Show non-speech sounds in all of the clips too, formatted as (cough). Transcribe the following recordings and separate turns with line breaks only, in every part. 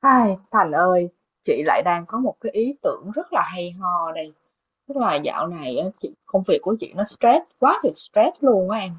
Ai, Thành ơi, chị lại đang có một cái ý tưởng rất là hay ho đây. Tức là dạo này á, chị công việc của chị nó stress quá thì stress luôn á em.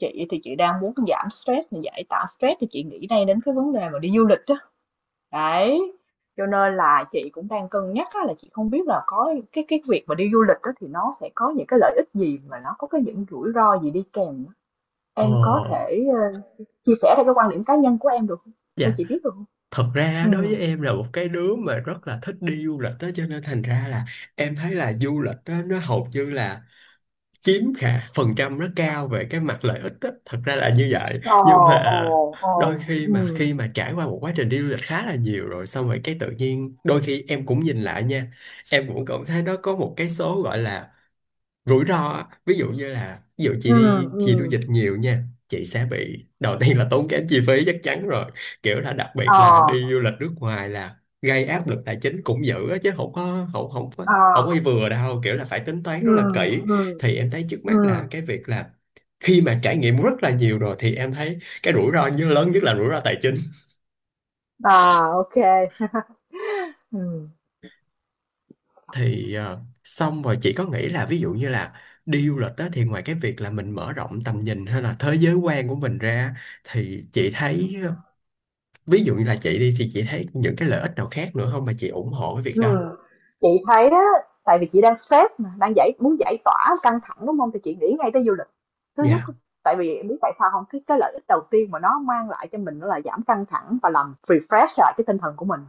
Chị thì chị đang muốn giảm stress mà giải tỏa stress thì chị nghĩ ngay đến cái vấn đề mà đi du lịch á. Đấy. Cho nên là chị cũng đang cân nhắc á, là chị không biết là có cái việc mà đi du lịch á, thì nó sẽ có những cái lợi ích gì mà nó có cái những rủi ro gì đi kèm á. Em có
Ờ,
thể chia sẻ theo cái quan điểm cá nhân của em được không? Cho
dạ,
chị biết được không?
thật ra
Ừ.
đối với em là một cái đứa mà rất là thích đi du lịch đó, cho nên thành ra là em thấy là du lịch đó nó hầu như là chiếm khả phần trăm rất cao về cái mặt lợi ích đó. Thật ra là như vậy,
Ờ,
nhưng
ờ,
mà
ờ,
đôi
ừm,
khi mà trải qua một quá trình đi du lịch khá là nhiều rồi xong rồi cái tự nhiên đôi khi em cũng nhìn lại nha, em cũng cảm thấy nó có một cái số gọi là rủi ro á. Ví dụ như là ví dụ chị
ừm,
đi chị du
ừm,
lịch nhiều nha, chị sẽ bị đầu tiên là tốn kém chi phí chắc chắn rồi, kiểu là đặc biệt
ờ,
là đi du lịch nước ngoài là gây áp lực tài chính cũng dữ á, chứ không có
ờ,
vừa đâu, kiểu là phải tính toán rất là
ừm,
kỹ.
ừm,
Thì em thấy trước mắt là
ừm,
cái việc là khi mà trải nghiệm rất là nhiều rồi thì em thấy cái rủi ro như lớn nhất là rủi ro tài chính.
à, OK. (laughs) Ừm.
Thì xong rồi chị có nghĩ là ví dụ như là đi du lịch đó thì ngoài cái việc là mình mở rộng tầm nhìn hay là thế giới quan của mình ra thì chị thấy, ví dụ như là chị đi thì chị thấy những cái lợi ích nào khác nữa không mà chị ủng hộ cái việc đó.
Ừm, chị thấy á, tại vì chị đang stress mà, đang giải muốn giải tỏa căng thẳng đúng không? Thì chị nghĩ ngay tới du lịch. Thứ nhất,
Dạ,
tại vì em biết tại sao không? Cái lợi ích đầu tiên mà nó mang lại cho mình đó là giảm căng thẳng và làm refresh lại cái tinh thần của mình,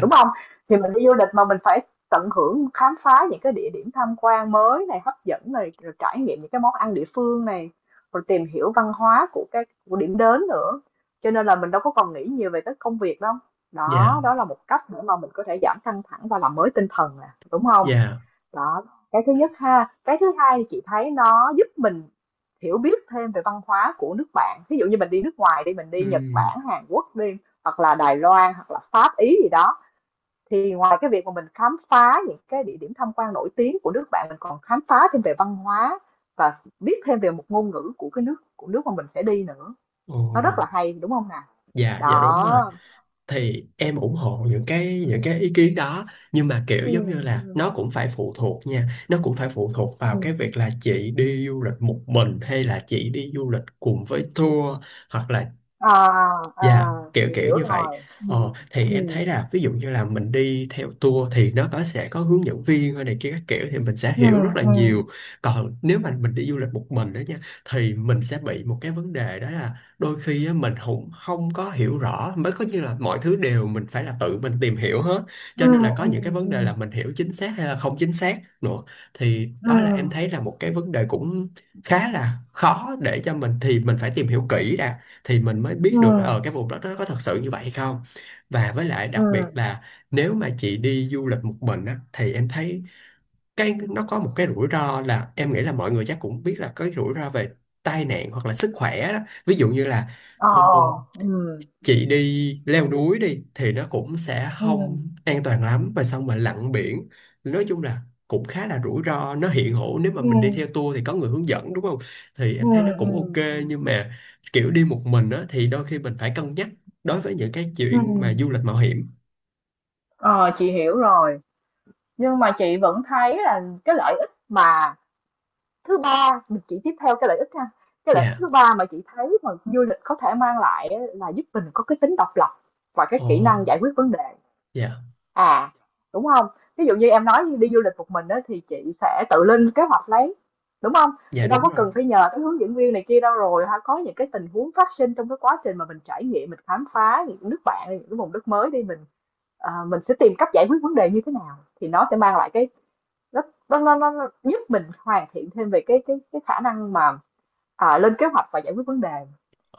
đúng không? Thì mình đi du lịch mà mình phải tận hưởng khám phá những cái địa điểm tham quan mới này, hấp dẫn này, rồi trải nghiệm những cái món ăn địa phương này, rồi tìm hiểu văn hóa của điểm đến nữa. Cho nên là mình đâu có còn nghĩ nhiều về cái công việc đâu. Đó,
dạ,
đó là một cách để mà mình có thể giảm căng thẳng và làm mới tinh thần nè, đúng không?
dạ.
Đó, cái thứ nhất ha. Cái thứ hai thì chị thấy nó giúp mình hiểu biết thêm về văn hóa của nước bạn. Ví dụ như mình đi nước ngoài đi, mình đi Nhật
Ừm.
Bản, Hàn Quốc đi, hoặc là Đài Loan, hoặc là Pháp, Ý gì đó, thì ngoài cái việc mà mình khám phá những cái địa điểm tham quan nổi tiếng của nước bạn, mình còn khám phá thêm về văn hóa và biết thêm về một ngôn ngữ của nước mà mình sẽ đi nữa.
Ồ.
Nó rất là hay, đúng không nào?
Dạ, dạ đúng rồi.
Đó.
Thì em ủng hộ những cái ý kiến đó, nhưng mà kiểu giống như
Ừm,
là
ừm,
nó cũng phải phụ thuộc nha, nó cũng phải phụ thuộc vào cái
ừm.
việc là chị đi du lịch một mình hay là chị đi du lịch cùng với tour, hoặc là.
À, à,
Dạ, kiểu
chị
kiểu
hiểu
như vậy.
rồi. Ừ,
Ờ, thì em
ừ,
thấy là ví dụ như là mình đi theo tour thì nó có sẽ có hướng dẫn viên hay này kia các kiểu thì mình sẽ hiểu rất là
ừ,
nhiều. Còn nếu mà mình đi du lịch một mình đó nha, thì mình sẽ bị một cái vấn đề đó là đôi khi á, mình không không có hiểu rõ mới có như là mọi thứ đều mình phải là tự mình tìm hiểu hết.
ừ,
Cho nên là có
ừ,
những cái vấn
ừ,
đề là mình hiểu chính xác hay là không chính xác nữa. Thì
ừ,
đó là em thấy là một cái vấn đề cũng khá là khó để cho mình, thì mình phải tìm hiểu kỹ đã thì mình mới
ừ,
biết
ừ,
được ở cái vùng đất đó có thật sự như vậy hay không. Và với lại
ừ,
đặc biệt là nếu mà chị đi du lịch một mình á thì em thấy cái nó có một cái rủi ro là em nghĩ là mọi người chắc cũng biết là có cái rủi ro về tai nạn hoặc là sức khỏe đó. Ví dụ như là
ờ,
ờ,
ừ,
chị đi leo núi đi thì nó cũng sẽ
ừ,
không an toàn lắm, và xong mà lặn biển nói chung là cũng khá là rủi ro, nó hiện hữu. Nếu mà
ừ,
mình đi theo tour thì có người hướng dẫn, đúng không? Thì
ừ,
em thấy nó
ừ,
cũng ok, nhưng mà kiểu đi một mình á thì đôi khi mình phải cân nhắc đối với những cái
ừ,
chuyện mà du lịch mạo hiểm.
ờ, chị hiểu rồi, nhưng mà chị vẫn thấy là cái lợi ích mà thứ ba, chị tiếp theo cái lợi ích ha. Cái lợi ích
Dạ.
thứ ba mà chị thấy mà du lịch có thể mang lại á là giúp mình có cái tính độc lập và cái
Ồ.
kỹ năng giải quyết vấn đề.
Dạ,
À, đúng không? Ví dụ như em nói như đi du lịch một mình đó thì chị sẽ tự lên kế hoạch lấy, đúng không?
dạ
Thì đâu
đúng
có
rồi.
cần phải nhờ tới hướng dẫn viên này kia đâu rồi ha, có những cái tình huống phát sinh trong cái quá trình mà mình trải nghiệm, mình khám phá những nước bạn, những cái vùng đất mới đi, mình sẽ tìm cách giải quyết vấn đề như thế nào thì nó sẽ mang lại cái nó nó giúp mình hoàn thiện thêm về cái khả năng mà lên kế hoạch và giải quyết vấn đề.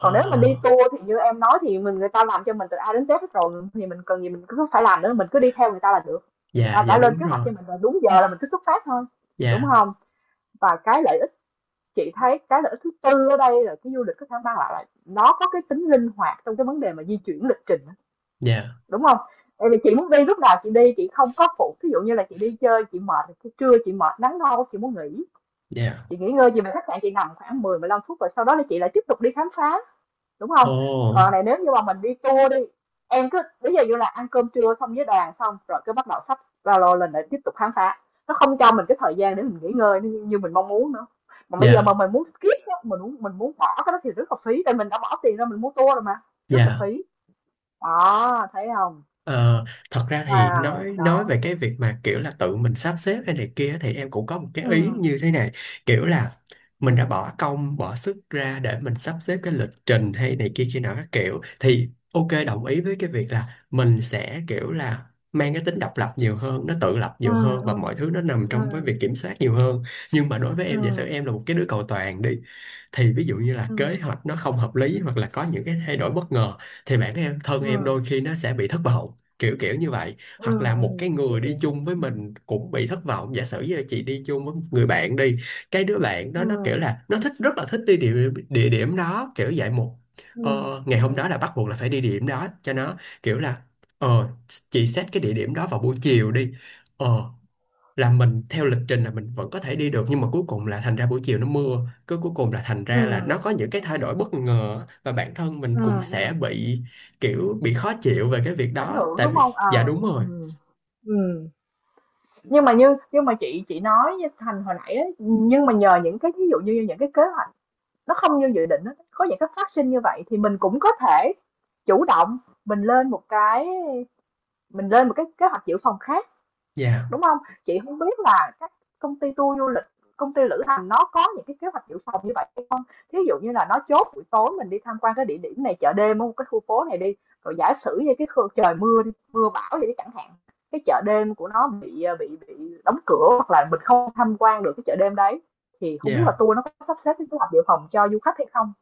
Ồ.
nếu mà đi tour thì như em nói thì mình người ta làm cho mình từ A đến Z hết rồi thì mình cần gì mình cứ phải làm nữa, mình cứ đi theo người ta là được. Người
Dạ,
ta
dạ
đã lên
đúng
kế hoạch
rồi.
cho mình rồi, đúng giờ là mình cứ xuất phát thôi, đúng
Dạ,
không? Và cái lợi ích, chị thấy cái lợi ích thứ tư ở đây là cái du lịch có thể mang lại là nó có cái tính linh hoạt trong cái vấn đề mà di chuyển lịch trình,
dạ,
đúng không? Tại vì chị muốn đi lúc nào chị đi, chị không có phụ, ví dụ như là chị đi chơi chị mệt thì trưa chị mệt nắng nâu chị muốn nghỉ,
dạ.
chị nghỉ ngơi chị về khách sạn chị nằm khoảng 10-15 phút rồi sau đó là chị lại tiếp tục đi khám phá, đúng không?
Ồ.
Còn này nếu như mà mình đi tour đi, em cứ ví dụ như là ăn cơm trưa xong với đoàn xong rồi cứ bắt đầu sắp ba lô lên để tiếp tục khám phá. Nó không cho mình cái thời gian để mình nghỉ ngơi như như mình mong muốn nữa. Mà bây giờ
Dạ,
mà mình muốn skip á, mình muốn bỏ cái đó thì rất là phí, tại mình đã bỏ tiền ra mình mua tour rồi mà, rất là
dạ.
phí. Đó, thấy không?
Ờ, thật ra thì
Wow,
nói
đó.
về cái việc mà kiểu là tự mình sắp xếp hay này kia thì em cũng có một cái
Ừ,
ý như thế này, kiểu là mình đã bỏ công bỏ sức ra để mình sắp xếp cái lịch trình hay này kia kia nào các kiểu thì ok đồng ý với cái việc là mình sẽ kiểu là mang cái tính độc lập nhiều hơn, nó tự lập
ừ,
nhiều hơn, và
ừ,
mọi thứ nó nằm
ừ,
trong cái việc kiểm soát nhiều hơn. Nhưng mà đối với
ừ,
em giả sử em là một cái đứa cầu toàn đi, thì ví dụ như là
ừ,
kế hoạch nó không hợp lý hoặc là có những cái thay đổi bất ngờ thì bản em thân
ừ,
em đôi khi nó sẽ bị thất vọng, kiểu kiểu như vậy.
ừ,
Hoặc là
ừ,
một cái
chị
người đi
hiểu.
chung với
Ừm,
mình cũng bị thất vọng, giả sử như là chị đi chung với một người bạn đi, cái đứa bạn đó nó kiểu
ừm,
là nó thích rất là thích đi địa điểm đó, kiểu vậy. Một,
ừm,
ngày hôm đó
ừm,
là bắt buộc là phải đi địa điểm đó cho nó, kiểu là ờ chị xét cái địa điểm đó vào buổi chiều đi, ờ là mình theo lịch trình là mình vẫn có thể đi được nhưng mà cuối cùng là thành ra buổi chiều nó mưa, cứ cuối cùng là thành ra là nó
ừm,
có những cái thay
ừm.
đổi bất ngờ và bản thân mình
Ừ,
cũng sẽ
ừ.
bị kiểu bị khó chịu về cái việc
Ảnh
đó,
hưởng,
tại
đúng
vì.
không?
Dạ
Ờ,
đúng rồi.
ừ. Ừm. Nhưng mà nhưng mà chị nói với Thành hồi nãy ấy, nhưng mà nhờ những cái ví dụ như những cái kế hoạch nó không như dự định á, có những cái phát sinh như vậy thì mình cũng có thể chủ động, mình lên một cái mình lên một cái kế hoạch dự phòng khác,
Dạ,
đúng không? Chị không biết là các công ty tour du lịch, công ty lữ hành nó có những cái kế hoạch dự phòng như vậy hay không? Thí dụ như là nó chốt buổi tối mình đi tham quan cái địa điểm này, chợ đêm ở cái khu phố này đi, rồi giả sử như cái trời mưa đi, mưa bão gì chẳng hạn, cái chợ đêm của nó bị, à, bị bị đóng cửa hoặc là mình không tham quan được cái chợ đêm đấy, thì không biết là
dạ,
tour nó có sắp xếp cái kế hoạch dự phòng cho du khách hay không,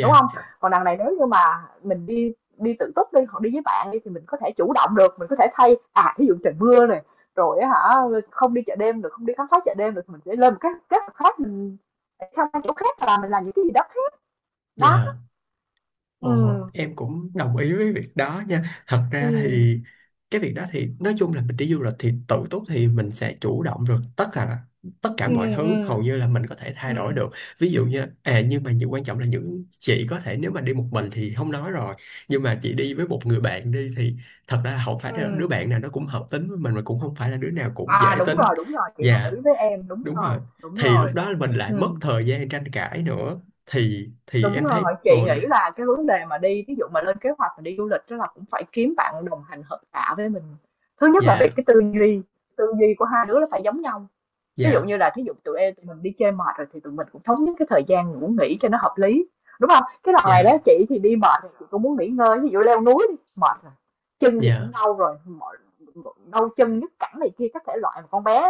đúng không? Còn đằng này nếu như mà mình đi đi tự túc đi, hoặc đi với bạn đi thì mình có thể chủ động được, mình có thể thay à, thí dụ trời mưa này, rồi hả, không đi chợ đêm được, không đi khám phá chợ đêm được thì mình sẽ lên một cái kế hoạch khác, mình sẽ sang chỗ khác là mình làm những cái gì đó khác. Đó,
dạ. Ờ,
ừm,
em cũng đồng ý với việc đó nha. Thật ra
ừm,
thì cái việc đó thì nói chung là mình đi du lịch thì tự túc thì mình sẽ chủ động được tất cả, là tất cả mọi
ừm,
thứ hầu
ừm,
như là mình có thể thay đổi
ừm,
được. Ví dụ như à, nhưng mà những quan trọng là những chị có thể nếu mà đi một mình thì không nói rồi, nhưng mà chị đi với một người bạn đi thì thật ra không phải là đứa
ừm.
bạn nào nó cũng hợp tính với mình mà cũng không phải là đứa nào cũng
À,
dễ tính.
đúng rồi, chị đồng
Dạ,
ý với em, đúng
đúng rồi.
rồi, đúng
Thì lúc
rồi,
đó mình lại mất
ừm.
thời gian tranh cãi nữa, thì
Đúng
em thấy
rồi, chị
ồn.
nghĩ là cái vấn đề mà đi ví dụ mà lên kế hoạch mà đi du lịch đó là cũng phải kiếm bạn đồng hành hợp tạ với mình. Thứ nhất là về
Dạ,
cái tư duy của hai đứa là phải giống nhau. Ví dụ
dạ,
như là thí dụ tụi em tụi mình đi chơi mệt rồi thì tụi mình cũng thống nhất cái thời gian ngủ nghỉ cho nó hợp lý, đúng không? Cái đằng này đó
dạ,
chị thì đi mệt thì chị cũng muốn nghỉ ngơi, ví dụ leo núi đi, mệt rồi, chân thì cũng
dạ,
đau rồi, mỏi đau chân, nhức cẳng này kia các thể loại, mà con bé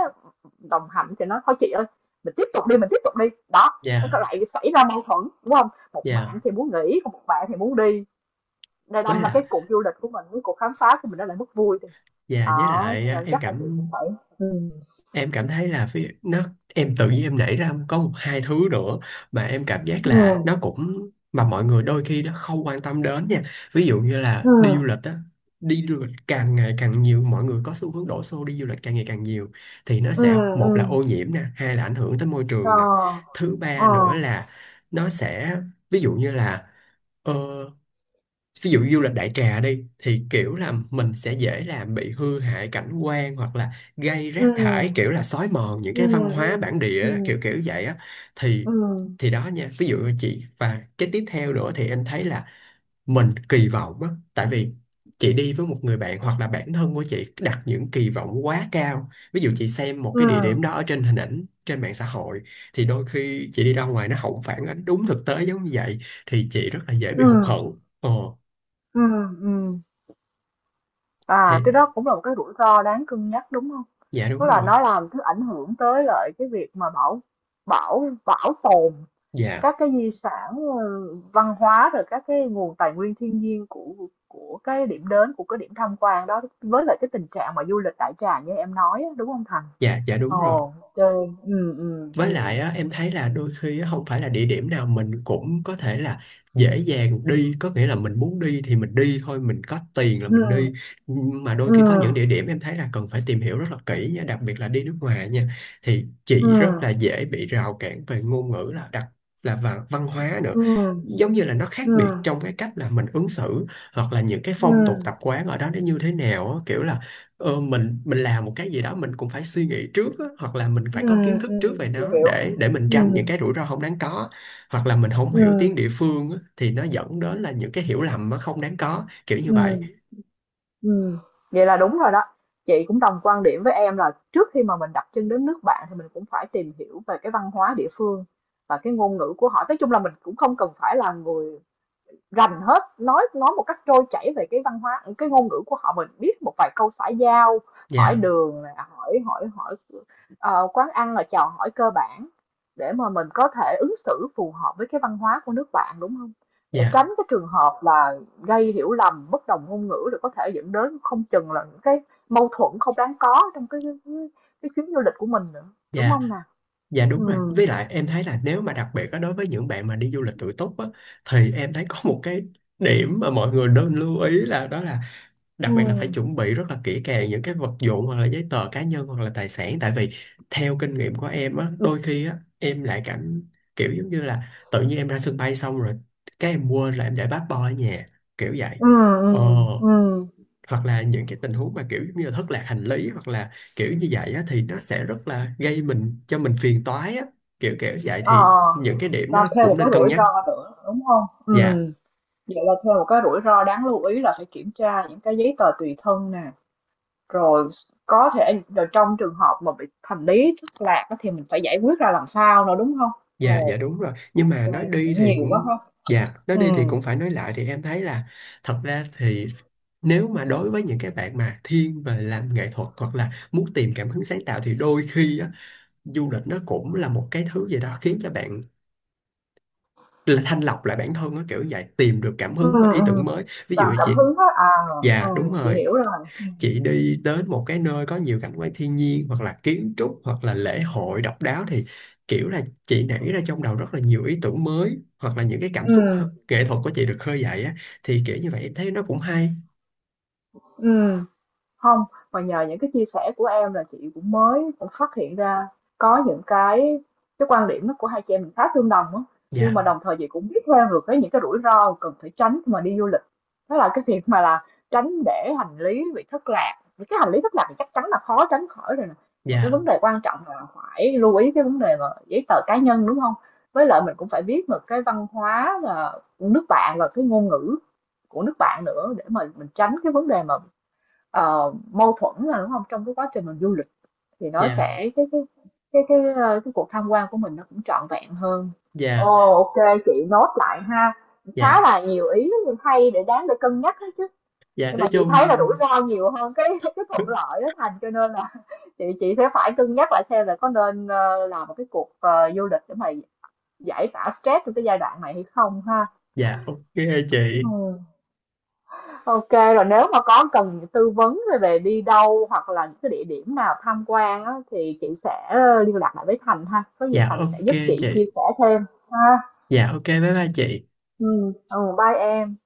đồng hành thì nó "Thôi chị ơi, mình tiếp tục đi, mình tiếp tục đi." Đó, nó có
dạ,
lại xảy ra mâu thuẫn, đúng không? Một
dạ
bạn thì muốn nghỉ, còn một bạn thì muốn đi, nên
với
đâm ra
lại.
cái cuộc du lịch của mình, cái cuộc khám phá của mình nó lại mất vui thì,
Dạ với
đó, cho
lại á,
nên
em
chắc là chị
cảm
cũng phải ừm,
em cảm thấy là phía nó em tự nhiên em nảy ra có một hai thứ nữa mà em cảm giác là
ừm,
nó cũng mà mọi người đôi khi nó không quan tâm đến nha. Ví dụ như là đi du
ừm.
lịch á, đi du lịch càng ngày càng nhiều, mọi người có xu hướng đổ xô đi du lịch càng ngày càng nhiều, thì nó
Ừ,
sẽ một là
ừ,
ô nhiễm nè, hai là ảnh hưởng tới môi
ờ,
trường nè, thứ
ờ,
ba nữa là nó sẽ, ví dụ như là, ờ, ví dụ du lịch đại trà đi thì kiểu là mình sẽ dễ làm bị hư hại cảnh quan hoặc là gây
ừ,
rác thải, kiểu là xói mòn những
ừ,
cái văn hóa
ừ,
bản
ừ,
địa đó, kiểu kiểu vậy á. thì
ừ, ừ,
thì đó nha, ví dụ như chị, và cái tiếp theo nữa thì em thấy là mình kỳ vọng á, tại vì chị đi với một người bạn hoặc là bản thân của chị đặt những kỳ vọng quá cao, ví dụ chị xem một
ừ,
cái địa điểm đó ở trên hình ảnh trên mạng xã hội thì đôi khi chị đi ra ngoài nó không phản ánh đúng thực tế giống như vậy thì chị rất là dễ
ừ,
bị hụt hẫng. Ờ,
ừ, ừ. À, cái
thì
đó cũng là một cái rủi ro đáng cân nhắc, đúng hông?
Dạ
Tức
đúng
là
rồi.
nó làm thứ ảnh hưởng tới lại cái việc mà bảo bảo bảo tồn
Dạ,
các cái di sản, ừ, văn hóa, rồi các cái nguồn tài nguyên thiên nhiên của cái điểm đến, của cái điểm tham quan đó, với lại cái tình trạng mà du lịch đại trà như em nói á, đúng hông Thành?
dạ, dạ đúng
Ồ,
rồi.
ô kê, ừm, ừm,
Với
ừm,
lại á, em thấy là đôi khi á, không phải là địa điểm nào mình cũng có thể là dễ dàng đi, có nghĩa là mình muốn đi thì mình đi thôi, mình có tiền là mình đi. Mà đôi khi có những
ừm,
địa điểm em thấy là cần phải tìm hiểu rất là kỹ nha, đặc biệt là đi nước ngoài nha. Thì chị rất
ừm,
là dễ bị rào cản về ngôn ngữ là đặc là và văn hóa nữa.
ừm,
Giống như là nó khác biệt
ừm,
trong cái cách là mình ứng xử hoặc là những cái phong
ừm,
tục tập quán ở đó nó như thế nào á, kiểu là mình làm một cái gì đó mình cũng phải suy nghĩ trước á, hoặc là mình phải có kiến thức trước về
chị
nó
hiểu.
để mình tránh những
Ừm,
cái rủi ro không đáng có. Hoặc là mình không hiểu tiếng
ừm,
địa phương á, thì nó dẫn đến là những cái hiểu lầm nó không đáng có kiểu như vậy.
ừm, ừm. Vậy là đúng rồi đó. Chị cũng đồng quan điểm với em là trước khi mà mình đặt chân đến nước bạn thì mình cũng phải tìm hiểu về cái văn hóa địa phương và cái ngôn ngữ của họ. Nói chung là mình cũng không cần phải là người rành hết, nói một cách trôi chảy về cái văn hóa, cái ngôn ngữ của họ. Mình biết một vài câu xã giao, hỏi
Dạ,
đường nè, hỏi hỏi hỏi ờ, quán ăn là chào hỏi cơ bản để mà mình có thể ứng xử phù hợp với cái văn hóa của nước bạn, đúng không, để
dạ,
tránh cái trường hợp là gây hiểu lầm bất đồng ngôn ngữ rồi có thể dẫn đến không chừng là những cái mâu thuẫn không đáng có trong cái chuyến du lịch của mình nữa, đúng
dạ,
không nè?
dạ
Ừ,
đúng rồi, với lại em thấy là nếu mà đặc biệt á, đối với những bạn mà đi du lịch tự túc á, thì em thấy có một cái điểm mà mọi người nên lưu ý là đó là
ừ,
đặc biệt là phải chuẩn bị rất là kỹ càng những cái vật dụng hoặc là giấy tờ cá nhân hoặc là tài sản, tại vì theo kinh nghiệm của em á, đôi khi á em lại cảm kiểu giống như là tự nhiên em ra sân bay xong rồi cái em quên là em để passport ở nhà, kiểu vậy.
ừ, ừ,
ờ
ừ,
hoặc là những cái tình huống mà kiểu giống như là thất lạc hành lý hoặc là kiểu như vậy á thì nó sẽ rất là gây mình cho mình phiền toái á, kiểu kiểu vậy
ờ,
thì những cái điểm đó
và thêm một
cũng
cái
nên cân
rủi
nhắc.
ro nữa, đúng không? Ừ,
Dạ.
vậy là thêm một cái rủi ro đáng lưu ý là phải kiểm tra những cái giấy tờ tùy thân nè, rồi có thể rồi trong trường hợp mà bị hành lý thất lạc á thì mình phải giải quyết ra làm sao nữa, đúng không?
Dạ, dạ
Ồ,
đúng rồi. Nhưng mà
ok,
nói đi
cũng
thì
nhiều quá
cũng.
ha.
Dạ, nói
Ừ,
đi thì cũng phải nói lại thì em thấy là thật ra thì, nếu mà đối với những cái bạn mà thiên về làm nghệ thuật hoặc là muốn tìm cảm hứng sáng tạo thì đôi khi á, du lịch nó cũng là một cái thứ gì đó khiến cho bạn là thanh lọc lại bản thân á kiểu vậy, tìm được cảm
ừ,
hứng và ý tưởng
ừ,
mới. Ví dụ
làm
như
cảm
chị.
hứng hết à. Ừ,
Dạ đúng
chị
rồi.
hiểu rồi.
Chị đi đến một cái nơi có nhiều cảnh quan thiên nhiên hoặc là kiến trúc hoặc là lễ hội độc đáo thì kiểu là chị nảy ra trong đầu rất là nhiều ý tưởng mới hoặc là những cái cảm
Ừ,
xúc nghệ thuật của chị được khơi dậy á, thì kiểu như vậy em thấy nó cũng hay.
ừ, không, mà nhờ những cái chia sẻ của em là chị cũng mới cũng phát hiện ra có những cái quan điểm nó của hai chị em mình khá tương đồng á, nhưng
Dạ,
mà đồng thời chị cũng biết thêm được cái những cái rủi ro cần phải tránh khi mà đi du lịch. Đó là cái việc mà là tránh để hành lý bị thất lạc, những cái hành lý thất lạc thì chắc chắn là khó tránh khỏi rồi nè, mà cái
dạ,
vấn đề quan trọng là phải lưu ý cái vấn đề mà giấy tờ cá nhân, đúng không? Với lại mình cũng phải biết được cái văn hóa là nước bạn và cái ngôn ngữ của nước bạn nữa để mà mình tránh cái vấn đề mà mâu thuẫn là đúng không trong cái quá trình mình du lịch thì nó
dạ,
sẽ cái cuộc tham quan của mình nó cũng trọn vẹn hơn.
dạ,
Ồ, ok, chị nốt lại ha, khá
dạ,
là nhiều ý hay để đáng để cân nhắc đấy chứ,
dạ
nhưng
nói
mà chị
chung.
thấy là rủi ro nhiều hơn cái (laughs) cái thuận
(laughs)
lợi đó Thành, cho nên là (laughs) chị sẽ phải cân nhắc lại xem là có nên làm một cái cuộc du lịch để mà giải tỏa stress trong cái giai đoạn này hay không ha.
Dạ ok
Ừ.
chị.
Ok, rồi nếu mà có cần tư vấn về đi đâu hoặc là những cái địa điểm nào tham quan á, thì chị sẽ liên lạc lại với Thành ha. Có gì
Dạ
Thành sẽ
ok
giúp
chị.
chị chia sẻ thêm ha.
Dạ ok, bye bye chị.
Ừ, ừ, bye em.